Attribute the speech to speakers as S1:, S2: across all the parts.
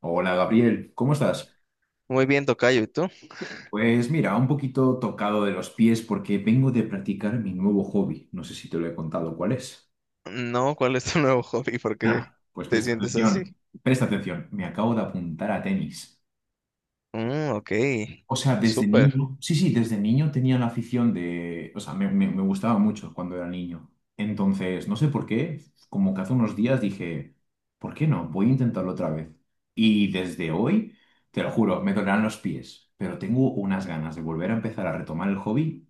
S1: Hola Gabriel, ¿cómo estás?
S2: Muy bien, tocayo, ¿y tú?
S1: Pues mira, un poquito tocado de los pies porque vengo de practicar mi nuevo hobby. No sé si te lo he contado cuál es.
S2: No, ¿cuál es tu nuevo hobby? ¿Por
S1: No.
S2: qué
S1: Pues
S2: te
S1: presta
S2: sientes así?
S1: atención, presta atención, me acabo de apuntar a tenis.
S2: Mm, ok,
S1: O sea, desde
S2: súper.
S1: niño, sí, sí, desde niño tenía la afición o sea, me gustaba mucho cuando era niño. Entonces, no sé por qué, como que hace unos días dije, ¿por qué no? Voy a intentarlo otra vez. Y desde hoy, te lo juro, me dolerán los pies, pero tengo unas ganas de volver a empezar a retomar el hobby,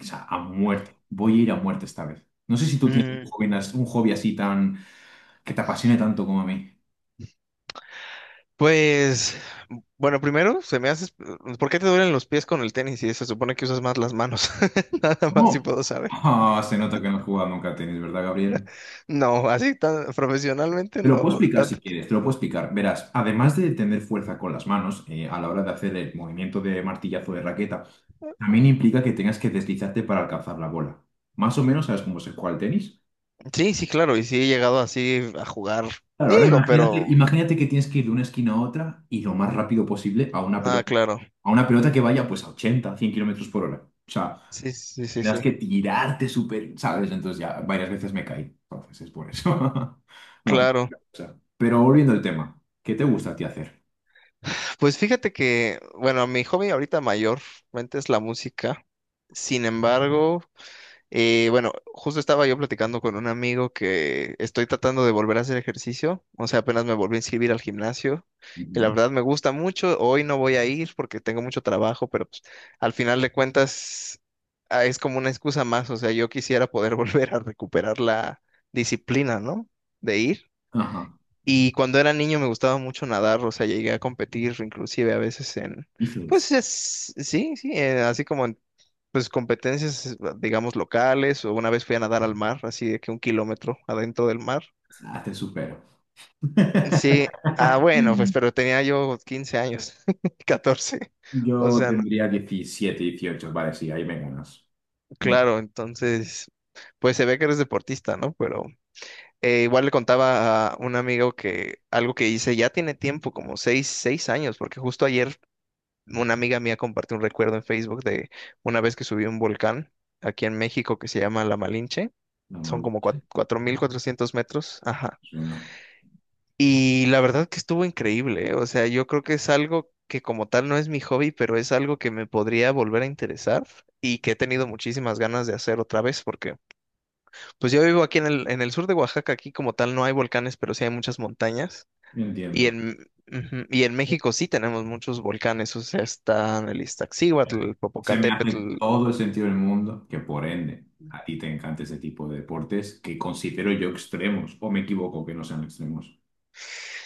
S1: o sea, a muerte. Voy a ir a muerte esta vez. No sé si tú tienes
S2: Mm,
S1: un hobby así tan, que te apasione tanto como a mí.
S2: pues, bueno, primero se me hace... ¿Por qué te duelen los pies con el tenis si se supone que usas más las manos? Nada más si
S1: No.
S2: puedo saber.
S1: Ah, se nota que no he jugado nunca a tenis, ¿verdad, Gabriel?
S2: No, así tan profesionalmente
S1: Te lo puedo
S2: no,
S1: explicar si
S2: tanto.
S1: quieres, te lo puedo explicar. Verás, además de tener fuerza con las manos a la hora de hacer el movimiento de martillazo de raqueta, también implica que tengas que deslizarte para alcanzar la bola. Más o menos sabes cómo se juega el tenis.
S2: Sí, sí, claro, y sí he llegado así a jugar,
S1: Claro, ahora
S2: digo,
S1: imagínate,
S2: pero...
S1: imagínate que tienes que ir de una esquina a otra y lo más rápido posible a una
S2: Ah,
S1: pelota,
S2: claro.
S1: que vaya pues a 80 100 kilómetros por hora. O sea,
S2: Sí, sí, sí,
S1: tendrás
S2: sí.
S1: que tirarte súper, ¿sabes? Entonces ya varias veces me caí. Entonces es por eso. No,
S2: Claro.
S1: pero volviendo al tema, ¿qué te gusta a ti hacer?
S2: Pues fíjate que, bueno, mi hobby ahorita mayormente es la música. Sin embargo, bueno, justo estaba yo platicando con un amigo que estoy tratando de volver a hacer ejercicio. O sea, apenas me volví a inscribir al gimnasio. Y la verdad me gusta mucho. Hoy no voy a ir porque tengo mucho trabajo, pero pues, al final de cuentas es como una excusa más. O sea, yo quisiera poder volver a recuperar la disciplina, ¿no? De ir.
S1: Ajá.
S2: Y cuando era niño me gustaba mucho nadar, o sea, llegué a competir inclusive a veces en,
S1: Y dices,
S2: pues sí, sí, así como en, pues competencias, digamos, locales, o una vez fui a nadar al mar, así de que un kilómetro adentro del mar.
S1: ah, te supero.
S2: Sí, bueno, pues pero tenía yo 15 años, 14 o
S1: Yo
S2: sea, no-
S1: tendría 17, 18, vale, sí, ahí me ganas. Mira,
S2: claro, entonces, pues se ve que eres deportista, ¿no? Pero igual le contaba a un amigo que algo que hice ya tiene tiempo, como 6, 6 años, porque justo ayer una amiga mía compartió un recuerdo en Facebook de una vez que subió un volcán aquí en México que se llama La Malinche.
S1: no,
S2: Son
S1: mal,
S2: como 4.400 metros. Ajá.
S1: yo no.
S2: Y la verdad que estuvo increíble, ¿eh? O sea, yo creo que es algo que como tal no es mi hobby, pero es algo que me podría volver a interesar y que he tenido muchísimas ganas de hacer otra vez porque pues yo vivo aquí en el sur de Oaxaca, aquí como tal no hay volcanes, pero sí hay muchas montañas.
S1: Yo
S2: Y
S1: entiendo.
S2: en, ujú, y en México sí tenemos muchos volcanes, o sea, están el Iztaccíhuatl, el
S1: Se me hace
S2: Popocatépetl.
S1: todo el sentido del mundo que por ende a ti te encanta ese tipo de deportes que considero yo extremos, o me equivoco que no sean extremos.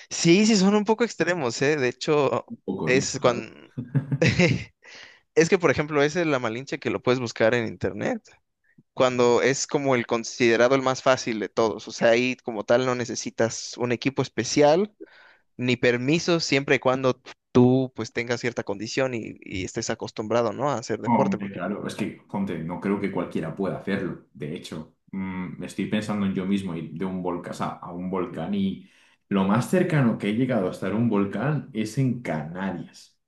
S2: Sí, sí, son un poco extremos, ¿eh? De hecho,
S1: Un poco, tío,
S2: es
S1: ¿sabes?
S2: cuando... Es que, por ejemplo, ese es la Malinche que lo puedes buscar en internet, cuando es como el considerado el más fácil de todos. O sea, ahí como tal no necesitas un equipo especial ni permiso, siempre y cuando tú pues tengas cierta condición y estés acostumbrado, ¿no? A hacer deporte,
S1: Hombre,
S2: porque...
S1: claro, es que, ponte, no creo que cualquiera pueda hacerlo. De hecho, me estoy pensando en yo mismo ir de un volcán a un volcán y lo más cercano que he llegado a estar un volcán es en Canarias.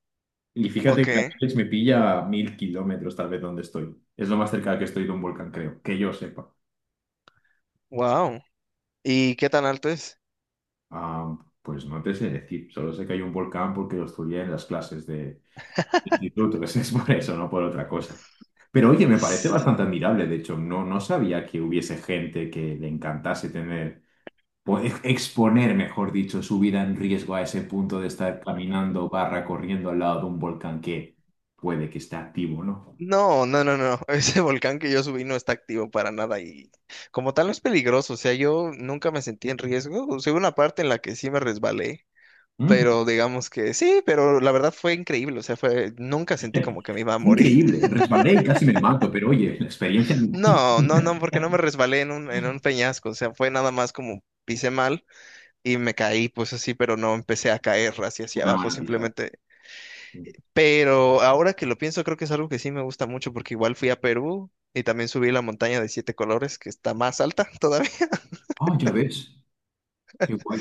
S1: Y fíjate
S2: Ok,
S1: que Canarias me pilla a 1000 kilómetros tal vez donde estoy. Es lo más cerca que estoy de un volcán, creo, que yo sepa.
S2: wow. ¿Y qué tan alto es?
S1: Ah, pues no te sé decir, solo sé que hay un volcán porque lo estudié en las clases institutos, es por eso, no por otra cosa. Pero oye, me parece
S2: S-
S1: bastante admirable, de hecho, no, no sabía que hubiese gente que le encantase tener, exponer, mejor dicho, su vida en riesgo a ese punto de estar caminando barra corriendo al lado de un volcán que puede que esté activo, ¿no?
S2: No, no, no, no. Ese volcán que yo subí no está activo para nada y como tal no es peligroso. O sea, yo nunca me sentí en riesgo. O sea, hubo una parte en la que sí me resbalé,
S1: Mm.
S2: pero digamos que sí, pero la verdad fue increíble. O sea, fue, nunca sentí como que me iba a
S1: Qué
S2: morir.
S1: increíble, resbalé y casi me mato, pero oye, la experiencia...
S2: No, no, no, porque no me resbalé en un peñasco. O sea, fue nada más como pisé mal y me caí, pues así, pero no empecé a caer hacia, hacia
S1: Una
S2: abajo.
S1: maravilla.
S2: Simplemente pero ahora que lo pienso, creo que es algo que sí me gusta mucho porque igual fui a Perú y también subí la montaña de siete colores que está más alta todavía.
S1: Ah, ya ves, qué guay.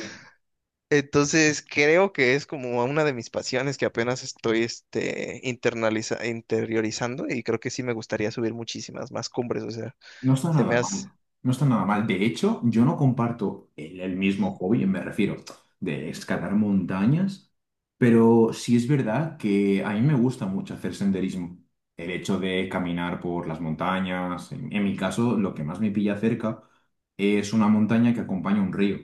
S2: Entonces creo que es como una de mis pasiones que apenas estoy este, internaliza, interiorizando y creo que sí me gustaría subir muchísimas más cumbres. O sea,
S1: No está
S2: se me
S1: nada
S2: hace...
S1: mal, no está nada mal. De hecho, yo no comparto el mismo hobby, me refiero, de escalar montañas, pero sí es verdad que a mí me gusta mucho hacer senderismo. El hecho de caminar por las montañas, en mi caso, lo que más me pilla cerca es una montaña que acompaña un río.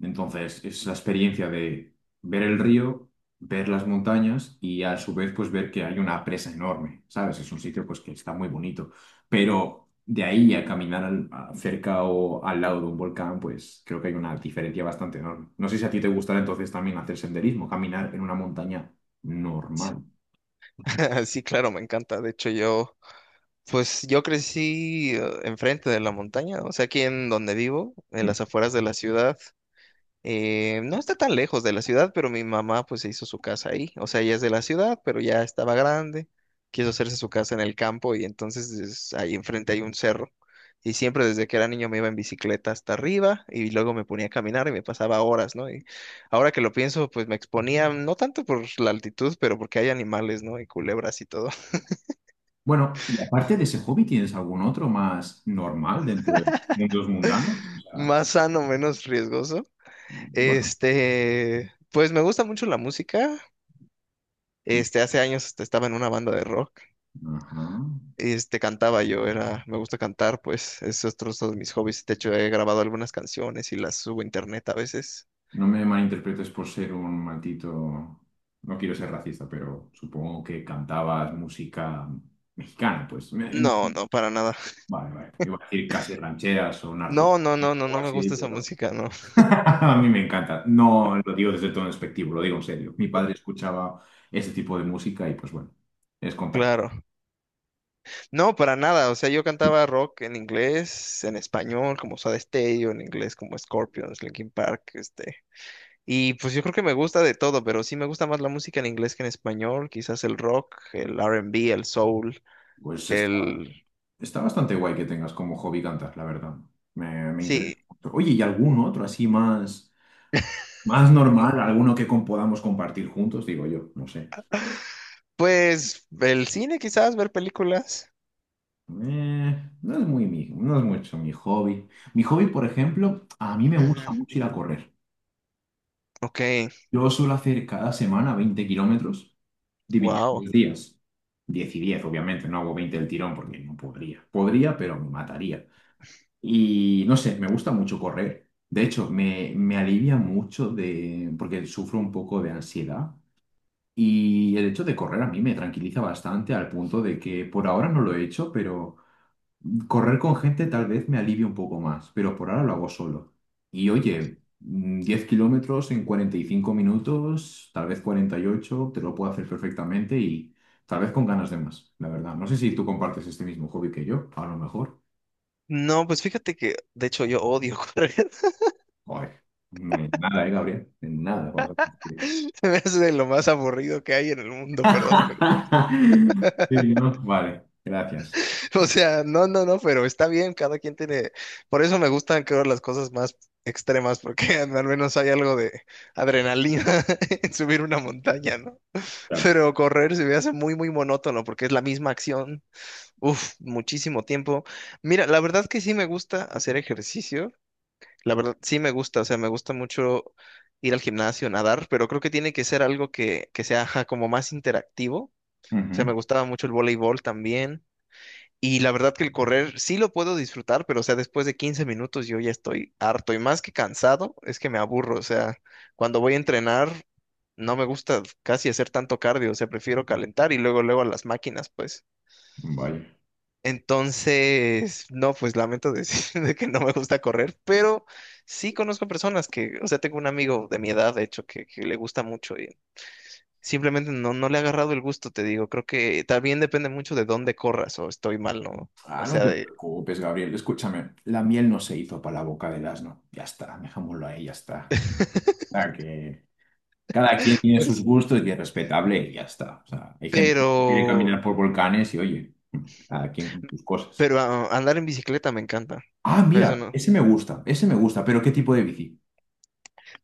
S1: Entonces, es la experiencia de ver el río, ver las montañas y a su vez, pues ver que hay una presa enorme, ¿sabes? Es un sitio pues que está muy bonito. Pero de ahí a caminar cerca o al lado de un volcán, pues creo que hay una diferencia bastante enorme. No sé si a ti te gustará entonces también hacer senderismo, caminar en una montaña normal.
S2: Sí, claro, me encanta. De hecho, yo, pues yo crecí enfrente de la montaña, o sea, aquí en donde vivo, en
S1: Mm.
S2: las afueras de la ciudad. No está tan lejos de la ciudad, pero mi mamá pues se hizo su casa ahí. O sea, ella es de la ciudad, pero ya estaba grande. Quiso hacerse su casa en el campo y entonces ahí enfrente hay un cerro. Y siempre desde que era niño me iba en bicicleta hasta arriba y luego me ponía a caminar y me pasaba horas, ¿no? Y ahora que lo pienso, pues me exponía no tanto por la altitud, pero porque hay animales, ¿no? Y culebras y todo.
S1: Bueno, y aparte de ese hobby, ¿tienes algún otro más normal dentro de mundos mundanos? O sea,
S2: Más sano, menos riesgoso.
S1: bueno,
S2: Este, pues me gusta mucho la música.
S1: mm,
S2: Este, hace años hasta estaba en una banda de rock.
S1: ajá.
S2: Este, cantaba yo, era, me gusta cantar, pues es otro de mis hobbies. De hecho, he grabado algunas canciones y las subo a internet a veces.
S1: No me malinterpretes por ser un maldito... No quiero ser racista, pero supongo que cantabas música mexicana, pues. No.
S2: No, no, para nada.
S1: Vale, vale. Iba a decir casi rancheras o narco
S2: No, no, no, no,
S1: o
S2: no me
S1: así,
S2: gusta esa
S1: pero
S2: música, no.
S1: a mí me encanta. No lo digo desde todo despectivo, lo digo en serio. Mi padre escuchaba ese tipo de música y pues bueno, es contagio.
S2: Claro. No, para nada. O sea, yo cantaba rock en inglés, en español, como Soda Stereo, en inglés como Scorpions, Linkin Park, este. Y pues yo creo que me gusta de todo, pero sí me gusta más la música en inglés que en español. Quizás el rock, el R&B, el soul,
S1: Pues está,
S2: el...
S1: está bastante guay que tengas como hobby cantar, la verdad. Me
S2: Sí.
S1: interesa mucho. Oye, ¿y algún otro así más, más normal? ¿Alguno que podamos compartir juntos? Digo yo, no sé.
S2: Pues el cine quizás, ver películas.
S1: No es muy mi, no es mucho mi hobby. Mi hobby, por ejemplo, a mí me
S2: Ujú.
S1: gusta mucho ir a correr.
S2: Ok,
S1: Yo suelo hacer cada semana 20 kilómetros dividido en
S2: wow.
S1: 2 días. 10 y 10 obviamente, no hago 20 del tirón porque no podría. Podría, pero me mataría. Y no sé, me gusta mucho correr. De hecho, me alivia mucho de, porque sufro un poco de ansiedad. Y el hecho de correr a mí me tranquiliza bastante al punto de que por ahora no lo he hecho, pero correr con gente tal vez me alivie un poco más, pero por ahora lo hago solo. Y oye, 10 kilómetros en 45 minutos, tal vez 48, te lo puedo hacer perfectamente y tal vez con ganas de más, la verdad. No sé si tú compartes este mismo hobby que yo, a lo mejor.
S2: No, pues fíjate que de hecho yo odio correr.
S1: Joder, no hay nada, ¿eh, Gabriel? En nada vamos a coincidir.
S2: Se me hace de lo más aburrido que hay en el mundo, perdón, pero-
S1: Sí, ¿no? Vale, gracias.
S2: o sea, no, no, no, pero está bien, cada quien tiene. Por eso me gustan, creo, las cosas más extremas, porque al menos hay algo de adrenalina en subir una montaña, ¿no?
S1: Claro.
S2: Pero correr se me hace muy, muy monótono, porque es la misma acción. Uf, muchísimo tiempo. Mira, la verdad que sí me gusta hacer ejercicio. La verdad, sí me gusta, o sea, me gusta mucho ir al gimnasio, nadar, pero creo que tiene que ser algo que sea ajá, como más interactivo. O sea, me
S1: Ujú.
S2: gustaba mucho el voleibol también. Y la verdad que el correr sí lo puedo disfrutar, pero o sea, después de 15 minutos yo ya estoy harto y más que cansado, es que me aburro. O sea, cuando voy a entrenar, no me gusta casi hacer tanto cardio, o sea, prefiero calentar y luego, luego a las máquinas, pues.
S1: Vaya.
S2: Entonces, no, pues lamento decir de que no me gusta correr, pero sí conozco personas que, o sea, tengo un amigo de mi edad, de hecho, que le gusta mucho y simplemente no, no le ha agarrado el gusto, te digo. Creo que también depende mucho de dónde corras o estoy mal, ¿no?
S1: Ah,
S2: O
S1: no
S2: sea,
S1: te
S2: de...
S1: preocupes, Gabriel. Escúchame, la miel no se hizo para la boca del asno. Ya está, dejémoslo ahí, ya está. O sea, que cada quien tiene sus
S2: Pues,
S1: gustos y es respetable y ya está. O sea, hay gente que prefiere
S2: pero,
S1: caminar por volcanes y oye, cada quien con sus cosas.
S2: pero andar en bicicleta me encanta.
S1: Ah,
S2: Eso
S1: mira,
S2: no.
S1: ese me gusta, pero ¿qué tipo de bici?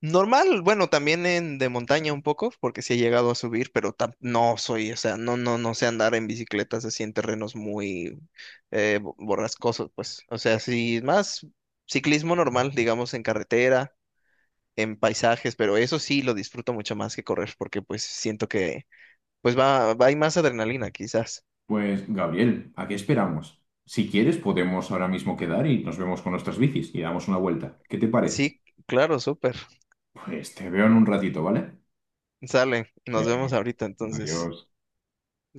S2: Normal, bueno, también en de montaña un poco, porque sí he llegado a subir, pero no soy, o sea, no, no, no sé andar en bicicletas así en terrenos muy borrascosos, pues. O sea, sí, más ciclismo normal, digamos, en carretera, en paisajes, pero eso sí lo disfruto mucho más que correr, porque pues siento que, pues hay más adrenalina, quizás.
S1: Pues, Gabriel, ¿a qué esperamos? Si quieres, podemos ahora mismo quedar y nos vemos con nuestras bicis y damos una vuelta. ¿Qué te parece?
S2: Sí, claro, súper.
S1: Pues te veo en un ratito, ¿vale?
S2: Sale, nos vemos
S1: Venga,
S2: ahorita, entonces.
S1: adiós.